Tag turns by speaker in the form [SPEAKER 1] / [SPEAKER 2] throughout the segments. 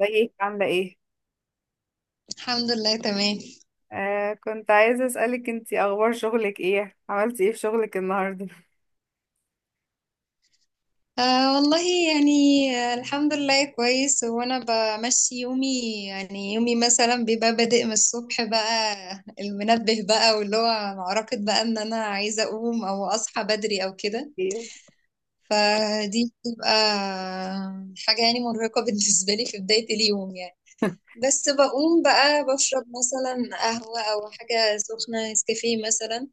[SPEAKER 1] ازيك عاملة ايه؟
[SPEAKER 2] الحمد لله تمام.
[SPEAKER 1] كنت عايزة اسألك انتي اخبار شغلك ايه؟ عملتي ايه في شغلك النهاردة؟
[SPEAKER 2] آه والله. يعني، آه الحمد لله كويس. وانا بمشي يومي. يعني يومي مثلا بيبقى بادئ من الصبح بقى. المنبه بقى واللي هو معركة بقى ان انا عايزة اقوم او اصحى بدري او كده.
[SPEAKER 1] ايوه
[SPEAKER 2] فدي بتبقى حاجة يعني مرهقة بالنسبة لي في بداية اليوم يعني. بس بقوم بقى بشرب مثلا قهوة او حاجة سخنة نسكافيه مثلا.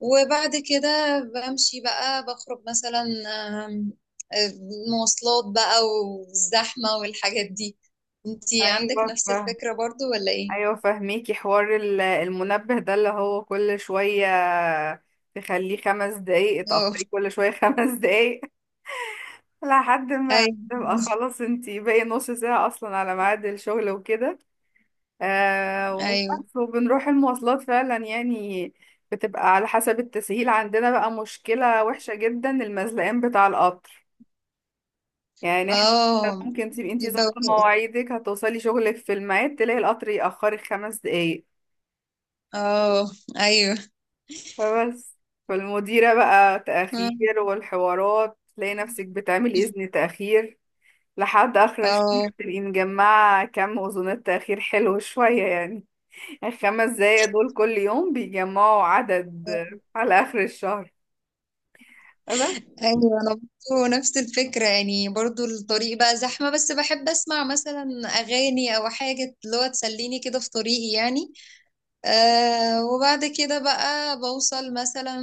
[SPEAKER 2] وبعد كده بمشي بقى بخرج مثلا. آم، آه، مواصلات بقى والزحمة والحاجات دي. انتي عندك
[SPEAKER 1] ايوه
[SPEAKER 2] نفس
[SPEAKER 1] فاهم.
[SPEAKER 2] الفكرة برضو ولا ايه؟
[SPEAKER 1] ايوه فاهميكي حوار المنبه ده اللي هو كل شوية تخليه خمس دقايق
[SPEAKER 2] اه.
[SPEAKER 1] اتأخري كل شوية خمس دقايق. لحد ما
[SPEAKER 2] ايوه.
[SPEAKER 1] تبقى خلاص انتي باقي نص ساعة اصلا على ميعاد الشغل وكده.
[SPEAKER 2] ايوه.
[SPEAKER 1] وبس وبنروح المواصلات فعلا يعني بتبقى على حسب التسهيل، عندنا بقى مشكلة وحشة جدا المزلقين بتاع القطر، يعني احنا كان
[SPEAKER 2] اه.
[SPEAKER 1] ممكن تبقي
[SPEAKER 2] دي
[SPEAKER 1] انتي ظابطة
[SPEAKER 2] بوقت.
[SPEAKER 1] مواعيدك هتوصلي شغلك في الميعاد تلاقي القطر يأخرك خمس دقايق.
[SPEAKER 2] اه. ايوه.
[SPEAKER 1] فبس فالمديرة بقى
[SPEAKER 2] اه.
[SPEAKER 1] تأخير والحوارات، تلاقي نفسك بتعملي إذن تأخير لحد آخر الشهر،
[SPEAKER 2] اه.
[SPEAKER 1] تبقي مجمعة كم أذونات تأخير حلو شوية يعني. الخمس دقايق دول كل يوم بيجمعوا عدد على آخر الشهر. بس
[SPEAKER 2] ايوه. انا برضو نفس الفكره، يعني برضو الطريق بقى زحمه بس بحب اسمع مثلا اغاني او حاجه اللي هو تسليني كده في طريقي يعني. آه وبعد كده بقى بوصل مثلا.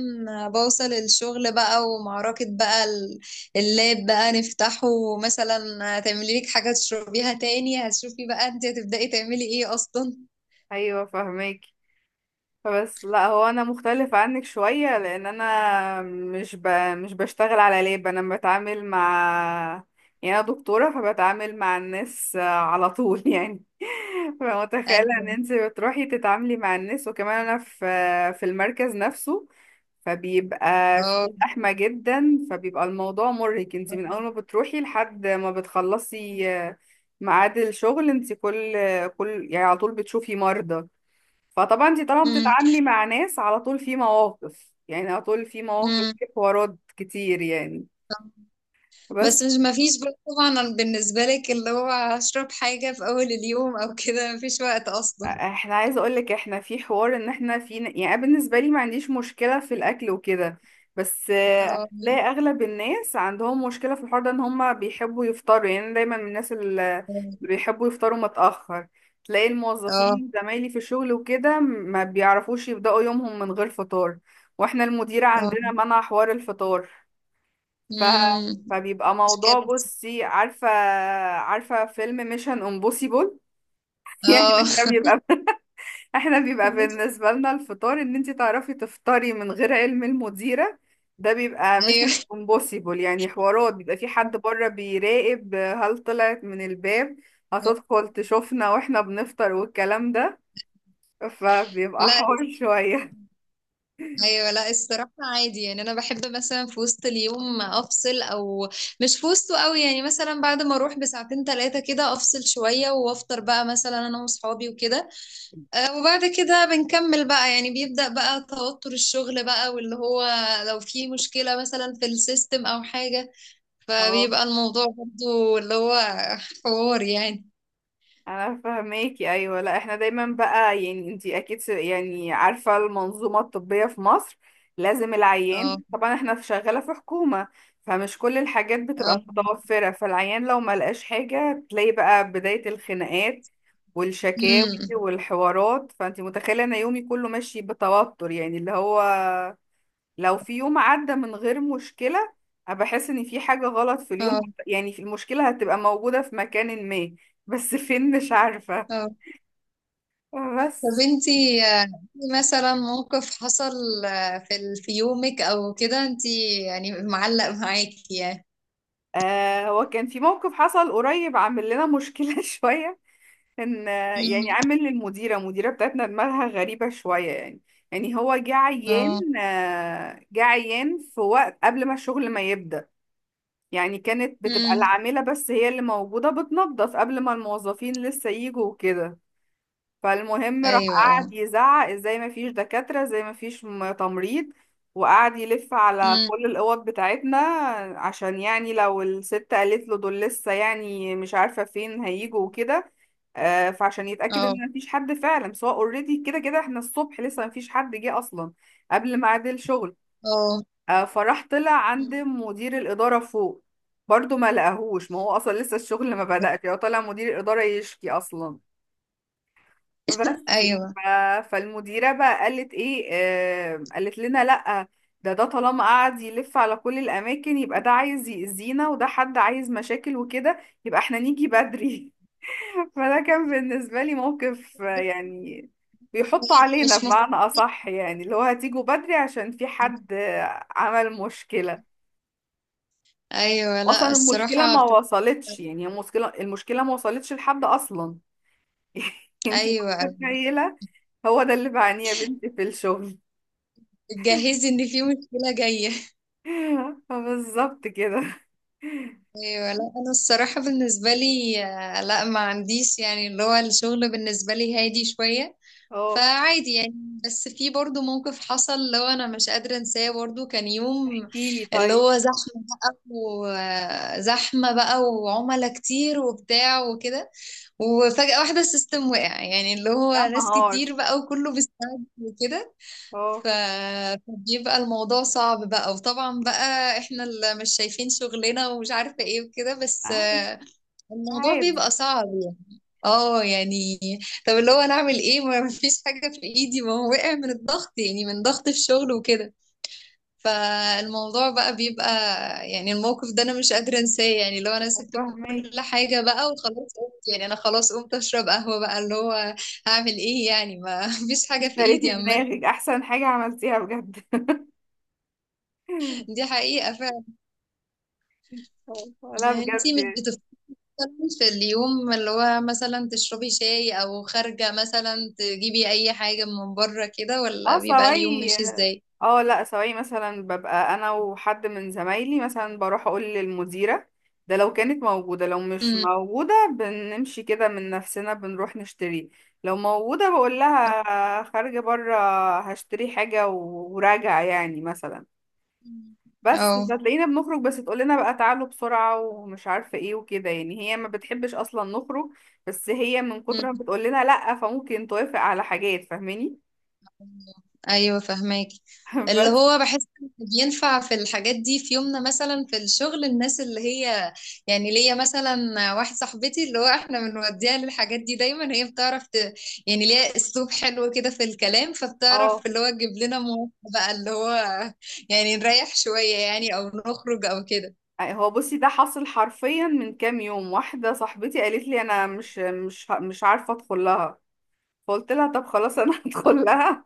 [SPEAKER 2] بوصل الشغل بقى ومعركة بقى اللاب بقى نفتحه مثلا. هتعملي لك حاجة تشربيها تاني. هتشوفي بقى انت هتبدأي تعملي ايه اصلا.
[SPEAKER 1] أيوة فهماكي. بس لا هو انا مختلف عنك شوية لان انا مش بشتغل على لاب، انا بتعامل مع يعني انا دكتورة فبتعامل مع الناس على طول يعني. فمتخيلة ان
[SPEAKER 2] ايوه.
[SPEAKER 1] انت بتروحي تتعاملي مع الناس، وكمان انا في في المركز نفسه فبيبقى
[SPEAKER 2] اه.
[SPEAKER 1] في زحمة جدا، فبيبقى الموضوع مرهق انت من اول ما بتروحي لحد ما بتخلصي ميعاد الشغل، انت كل يعني على طول بتشوفي مرضى. فطبعا انت طبعا
[SPEAKER 2] أمم،
[SPEAKER 1] بتتعاملي مع ناس على طول، في مواقف يعني على طول في مواقف
[SPEAKER 2] أمم.
[SPEAKER 1] في حوارات كتير يعني. بس
[SPEAKER 2] بس مش مفيش بقى طبعا بالنسبة لك اللي هو هشرب حاجة في أول اليوم أو كده مفيش وقت أصلا.
[SPEAKER 1] احنا عايزه اقول لك احنا في حوار ان احنا في يعني أنا بالنسبه لي ما عنديش مشكله في الاكل وكده، بس
[SPEAKER 2] اه.
[SPEAKER 1] هتلاقي اغلب الناس عندهم مشكله في الحوار ده، ان هم بيحبوا يفطروا. يعني أنا دايما من الناس اللي بيحبوا يفطروا متاخر، تلاقي
[SPEAKER 2] اه.
[SPEAKER 1] الموظفين زمايلي في الشغل وكده ما بيعرفوش يبداوا يومهم من غير فطار، واحنا المديره عندنا
[SPEAKER 2] اه.
[SPEAKER 1] منع حوار الفطار. ف...
[SPEAKER 2] أمم.
[SPEAKER 1] فبيبقى موضوع،
[SPEAKER 2] مشكلة.
[SPEAKER 1] بصي عارفة عارفة فيلم ميشن امبوسيبل؟ يعني
[SPEAKER 2] اه.
[SPEAKER 1] احنا بيبقى احنا بيبقى بالنسبة لنا الفطار، ان انت تعرفي تفطري من غير علم المديرة ده بيبقى ميشن
[SPEAKER 2] ايوه.
[SPEAKER 1] امبوسيبل. يعني حوارات بيبقى في حد بره بيراقب هل طلعت من الباب، هتدخل تشوفنا واحنا بنفطر والكلام ده، فبيبقى
[SPEAKER 2] لا.
[SPEAKER 1] حوار شوية.
[SPEAKER 2] ايوه لا الصراحه عادي. يعني انا بحب مثلا في وسط اليوم افصل، او مش في وسطه قوي. يعني مثلا بعد ما اروح بساعتين ثلاثه كده افصل شويه وافطر بقى مثلا انا واصحابي وكده. وبعد كده بنكمل بقى. يعني بيبدا بقى توتر الشغل بقى واللي هو لو في مشكله مثلا في السيستم او حاجه.
[SPEAKER 1] اه
[SPEAKER 2] فبيبقى الموضوع برضو اللي هو حوار يعني.
[SPEAKER 1] انا فهماكي، ايوه لا احنا دايما بقى يعني انتي اكيد يعني عارفه المنظومه الطبيه في مصر، لازم العيان
[SPEAKER 2] اه.
[SPEAKER 1] طبعا. احنا في شغاله في حكومه فمش كل الحاجات بتبقى
[SPEAKER 2] اه.
[SPEAKER 1] متوفره، فالعيان لو ما لقاش حاجه تلاقي بقى بدايه الخناقات والشكاوي
[SPEAKER 2] امم.
[SPEAKER 1] والحوارات. فانتي متخيله ان يومي كله ماشي بتوتر، يعني اللي هو لو في يوم عدى من غير مشكله أنا بحس ان في حاجه غلط في اليوم،
[SPEAKER 2] اه.
[SPEAKER 1] يعني في المشكله هتبقى موجوده في مكان ما بس فين مش عارفه.
[SPEAKER 2] آه. طب
[SPEAKER 1] بس
[SPEAKER 2] انتي في مثلا موقف حصل في في يومك او كده انتي يعني معلق معاكي يعني.
[SPEAKER 1] آه، هو كان في موقف حصل قريب عامل لنا مشكلة شوية، كان يعني
[SPEAKER 2] مم.
[SPEAKER 1] عامل للمديرة، المديرة بتاعتنا دماغها غريبة شوية يعني. يعني هو
[SPEAKER 2] اه.
[SPEAKER 1] جه عيان في وقت قبل ما الشغل ما يبدأ، يعني كانت بتبقى
[SPEAKER 2] مم.
[SPEAKER 1] العاملة بس هي اللي موجودة بتنظف قبل ما الموظفين لسه يجوا وكده. فالمهم راح
[SPEAKER 2] ايوه. اه.
[SPEAKER 1] قعد يزعق ازاي ما فيش دكاترة، ازاي ما فيش تمريض، وقعد يلف على
[SPEAKER 2] مم.
[SPEAKER 1] كل الأوض بتاعتنا عشان يعني لو الست قالت له دول لسه يعني مش عارفة فين هيجوا وكده. فعشان يتأكد
[SPEAKER 2] اه.
[SPEAKER 1] ان مفيش حد فعلا، سواء اوريدي كده كده احنا الصبح لسه مفيش حد جه اصلا قبل ميعاد الشغل.
[SPEAKER 2] اه.
[SPEAKER 1] فراح طلع عند
[SPEAKER 2] مم.
[SPEAKER 1] مدير الإدارة فوق، برضه ما لقاهوش ما هو اصلا لسه الشغل ما بدأش، هو طلع مدير الإدارة يشكي اصلا. بس
[SPEAKER 2] ايوه.
[SPEAKER 1] ف... فالمديرة بقى قالت ايه، آه قالت لنا لأ، ده طالما قعد يلف على كل الأماكن يبقى ده عايز يأذينا وده حد عايز مشاكل وكده، يبقى احنا نيجي بدري. فده كان بالنسبة لي موقف يعني بيحطوا علينا
[SPEAKER 2] مش مف...
[SPEAKER 1] بمعنى أصح، يعني اللي هو هتيجوا بدري عشان في حد عمل مشكلة.
[SPEAKER 2] ايوه
[SPEAKER 1] أصلا
[SPEAKER 2] لا
[SPEAKER 1] المشكلة
[SPEAKER 2] الصراحه
[SPEAKER 1] ما وصلتش، يعني المشكلة ما وصلتش لحد أصلا. انتي
[SPEAKER 2] ايوه ايوه
[SPEAKER 1] متخيلة؟ هو ده اللي بعانيه يا بنتي في الشغل.
[SPEAKER 2] بتجهزي ان في مشكله جايه.
[SPEAKER 1] بالظبط كده.
[SPEAKER 2] ايوه لا انا الصراحه بالنسبه لي لا ما عنديش، يعني اللي هو الشغل بالنسبه لي هادي شويه.
[SPEAKER 1] اه
[SPEAKER 2] فعادي يعني. بس في برضو موقف حصل لو انا مش قادرة انساه. برضو كان يوم
[SPEAKER 1] احكيلي
[SPEAKER 2] اللي
[SPEAKER 1] طيب.
[SPEAKER 2] هو زحمة بقى وزحمة بقى وعملاء كتير وبتاع وكده. وفجأة واحدة السيستم وقع، يعني اللي هو
[SPEAKER 1] يا
[SPEAKER 2] ناس
[SPEAKER 1] نهار.
[SPEAKER 2] كتير بقى وكله بيستعد وكده.
[SPEAKER 1] اه.
[SPEAKER 2] ف- فبيبقى الموضوع صعب بقى، وطبعا بقى احنا اللي مش شايفين شغلنا ومش عارفة ايه وكده بس
[SPEAKER 1] عادي.
[SPEAKER 2] الموضوع بيبقى
[SPEAKER 1] عادي.
[SPEAKER 2] صعب يعني. اه يعني. طب اللي هو انا اعمل ايه؟ ما فيش حاجه في ايدي، ما هو وقع من الضغط يعني، من ضغط الشغل وكده. فالموضوع بقى بيبقى. يعني الموقف ده انا مش قادره انساه، يعني اللي هو انا سبت
[SPEAKER 1] فاهمك.
[SPEAKER 2] كل حاجه بقى وخلاص قمت، يعني انا خلاص قمت اشرب قهوه بقى اللي هو هعمل ايه يعني؟ ما فيش حاجه في ايدي
[SPEAKER 1] اشتريتي
[SPEAKER 2] عامه.
[SPEAKER 1] دماغك، احسن حاجة عملتيها بجد.
[SPEAKER 2] دي حقيقه فعلا.
[SPEAKER 1] لا
[SPEAKER 2] انتي مش
[SPEAKER 1] بجد.
[SPEAKER 2] بتفكري في اليوم اللي هو مثلا تشربي شاي، او خارجه مثلا تجيبي اي حاجه من بره كده،
[SPEAKER 1] اه
[SPEAKER 2] ولا بيبقى اليوم
[SPEAKER 1] سواي.
[SPEAKER 2] ماشي ازاي؟
[SPEAKER 1] اه لا سواي مثلا ببقى انا وحد من زمايلي مثلا، بروح اقول للمديرة ده لو كانت موجودة، لو مش موجودة بنمشي كده من نفسنا بنروح نشتري. لو موجودة بقول
[SPEAKER 2] اه.
[SPEAKER 1] لها خارجة برا، هشتري حاجة وراجع يعني مثلا. بس
[SPEAKER 2] أه.
[SPEAKER 1] فتلاقينا بنخرج بس تقول لنا بقى تعالوا بسرعة ومش عارفة ايه وكده، يعني هي ما بتحبش اصلا نخرج بس هي من كتر ما
[SPEAKER 2] أمم.
[SPEAKER 1] بتقول لنا لا فممكن توافق على حاجات، فاهماني؟
[SPEAKER 2] ايوه فهماكي. اللي
[SPEAKER 1] بس
[SPEAKER 2] هو بحس إن بينفع في الحاجات دي في يومنا مثلا في الشغل الناس اللي هي، يعني ليا مثلا واحده صاحبتي اللي هو احنا بنوديها للحاجات دي دايما. هي بتعرف يعني ليها اسلوب حلو كده في الكلام.
[SPEAKER 1] اه.
[SPEAKER 2] فبتعرف اللي هو تجيب لنا مواقف بقى اللي هو يعني نريح شويه يعني، او نخرج او كده.
[SPEAKER 1] هو بصي ده حصل حرفيا من كام يوم، واحدة صاحبتي قالت لي انا مش عارفة ادخل لها، فقلت لها طب خلاص انا هدخل
[SPEAKER 2] آه.
[SPEAKER 1] لها.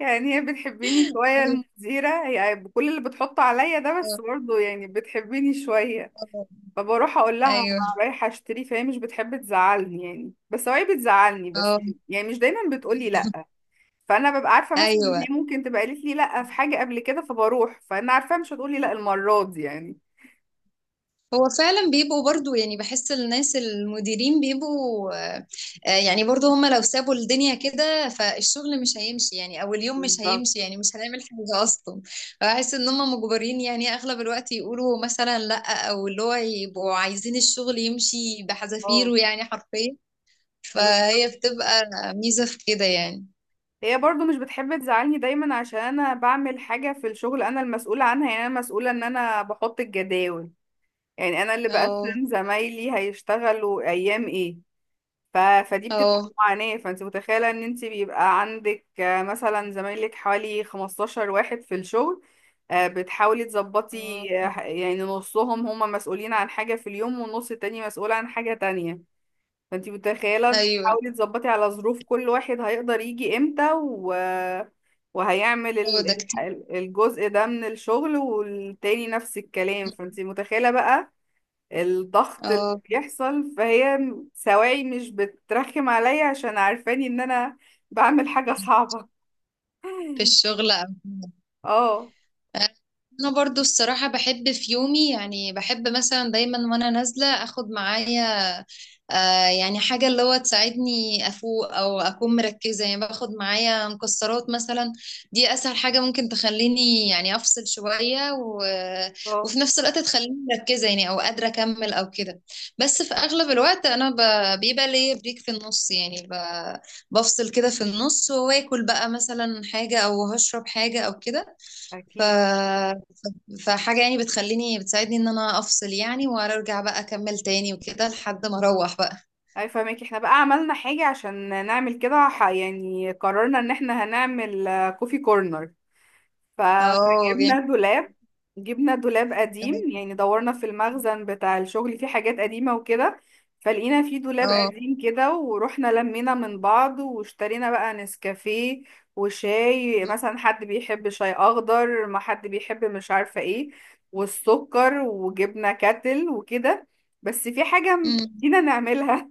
[SPEAKER 1] يعني هي بتحبني شوية المديرة، هي بكل اللي بتحطه عليا ده بس برضه يعني بتحبني شوية. فبروح اقول لها
[SPEAKER 2] ايوه.
[SPEAKER 1] انا رايحة اشتري، فهي مش بتحب تزعلني يعني، بس هو هي بتزعلني بس
[SPEAKER 2] اه.
[SPEAKER 1] يعني مش دايما بتقولي لا. فانا ببقى عارفة مثلا ان
[SPEAKER 2] ايوه.
[SPEAKER 1] هي ممكن تبقى قالت لي لا في حاجة قبل كده، فبروح فانا عارفة مش هتقولي لا المرة دي يعني.
[SPEAKER 2] هو فعلا بيبقوا برضو، يعني بحس الناس المديرين بيبقوا يعني برضو هم لو سابوا الدنيا كده فالشغل مش هيمشي يعني، او اليوم مش
[SPEAKER 1] بالظبط.
[SPEAKER 2] هيمشي يعني، مش هنعمل حاجة اصلا. بحس ان هم مجبرين، يعني اغلب الوقت يقولوا مثلا لا، او اللي هو يبقوا عايزين الشغل يمشي
[SPEAKER 1] اه
[SPEAKER 2] بحذافيره يعني حرفيا. فهي بتبقى ميزة في كده يعني.
[SPEAKER 1] هي برضو مش بتحب تزعلني دايما عشان انا بعمل حاجة في الشغل انا المسؤولة عنها، يعني انا مسؤولة ان انا بحط الجداول، يعني انا اللي
[SPEAKER 2] اه.
[SPEAKER 1] بقسم زمايلي هيشتغلوا ايام ايه. فدي بتبقى
[SPEAKER 2] اه.
[SPEAKER 1] معاناة، فانت متخيلة ان انت بيبقى عندك مثلا زمايلك حوالي 15 واحد في الشغل، بتحاولي
[SPEAKER 2] اه.
[SPEAKER 1] تظبطي يعني نصهم هما مسؤولين عن حاجة في اليوم والنص التاني مسؤول عن حاجة تانية. فانتي متخيلة
[SPEAKER 2] ايوه.
[SPEAKER 1] تحاولي تظبطي على ظروف كل واحد هيقدر يجي امتى وهيعمل
[SPEAKER 2] هو ده كتير.
[SPEAKER 1] الجزء ده من الشغل، والتاني نفس الكلام. فانتي متخيلة بقى الضغط اللي
[SPEAKER 2] اه.
[SPEAKER 1] بيحصل، فهي سواعي مش بترخم عليا عشان عارفاني ان انا بعمل حاجة صعبة.
[SPEAKER 2] في الشغل.
[SPEAKER 1] اه.
[SPEAKER 2] انا برضو الصراحة بحب في يومي، يعني بحب مثلا دايما وانا نازلة اخد معايا يعني حاجة اللي هو تساعدني افوق او اكون مركزة، يعني باخد معايا مكسرات مثلا. دي اسهل حاجة ممكن تخليني يعني افصل شوية،
[SPEAKER 1] اه
[SPEAKER 2] وفي نفس الوقت تخليني مركزة، يعني او قادرة اكمل او كده. بس في اغلب الوقت بيبقى ليا بريك في النص يعني. بفصل كده في النص واكل بقى مثلا حاجة او هشرب حاجة او كده. ف
[SPEAKER 1] اكيد.
[SPEAKER 2] فحاجة يعني بتخليني بتساعدني ان انا افصل يعني، وارجع بقى اكمل تاني وكده لحد ما اروح بقى.
[SPEAKER 1] اي فاهمك. احنا بقى عملنا حاجة عشان نعمل كده، يعني قررنا ان احنا هنعمل كوفي كورنر. ف-
[SPEAKER 2] اه جامد.
[SPEAKER 1] فجبنا دولاب، جبنا دولاب قديم يعني دورنا في المخزن بتاع الشغل فيه حاجات قديمة وكده، فلقينا فيه دولاب
[SPEAKER 2] اه.
[SPEAKER 1] قديم كده، ورحنا لمينا من بعض واشترينا بقى نسكافيه وشاي مثلا، حد بيحب شاي اخضر، ما حد بيحب مش عارفة ايه، والسكر، وجبنا كاتل وكده. بس في حاجة
[SPEAKER 2] أمم.
[SPEAKER 1] نسينا نعملها،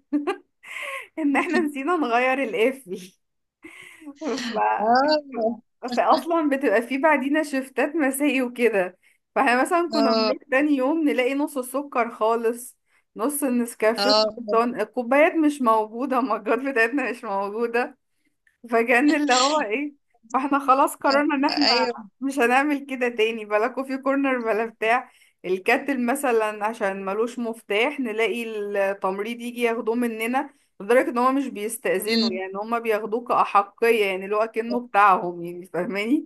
[SPEAKER 1] ان احنا نسينا نغير القفل. ف...
[SPEAKER 2] اه.
[SPEAKER 1] فاصلا بتبقى في بعدينا شفتات مسائي وكده، فاحنا مثلا كنا
[SPEAKER 2] اه.
[SPEAKER 1] بنروح تاني يوم نلاقي نص السكر خالص، نص النسكافيه
[SPEAKER 2] اه.
[SPEAKER 1] خلصان، الكوبايات مش موجودة، المجات بتاعتنا مش موجودة. فكان اللي هو ايه، فاحنا خلاص قررنا ان احنا
[SPEAKER 2] ايوه.
[SPEAKER 1] مش هنعمل كده تاني، بلا كوفي كورنر بلا بتاع. الكاتل مثلا عشان ملوش مفتاح نلاقي التمريض يجي ياخدوه مننا، لدرجة ان هما مش بيستأذنوا
[SPEAKER 2] أمم.
[SPEAKER 1] يعني، هما بياخدوه كأحقية يعني اللي هو كأنه بتاعهم، يعني فاهماني،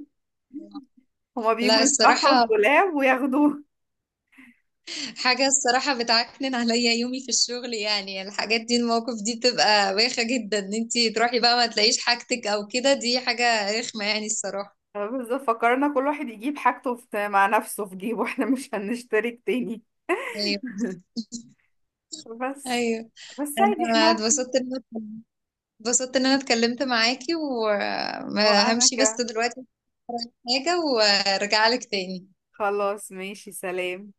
[SPEAKER 1] هما
[SPEAKER 2] لا
[SPEAKER 1] بيجوا يفتحوا
[SPEAKER 2] الصراحة.
[SPEAKER 1] الدولاب وياخدوه.
[SPEAKER 2] حاجة الصراحة بتعكنن عليا يومي في الشغل، يعني الحاجات دي المواقف دي بتبقى بايخة جدا ان انتي تروحي بقى ما تلاقيش حاجتك او كده. دي حاجة رخمة يعني الصراحة.
[SPEAKER 1] بس فكرنا كل واحد يجيب حاجته مع نفسه في جيبه، احنا مش هنشترك تاني.
[SPEAKER 2] ايوه.
[SPEAKER 1] بس.
[SPEAKER 2] ايوه.
[SPEAKER 1] بس عادي
[SPEAKER 2] انا
[SPEAKER 1] احنا.
[SPEAKER 2] اتبسطت ان اتبسطت ان انا اتكلمت معاكي،
[SPEAKER 1] وانا
[SPEAKER 2] وهمشي بس
[SPEAKER 1] كمان.
[SPEAKER 2] دلوقتي في حاجة وارجع لك تاني.
[SPEAKER 1] خلاص ماشي سلام.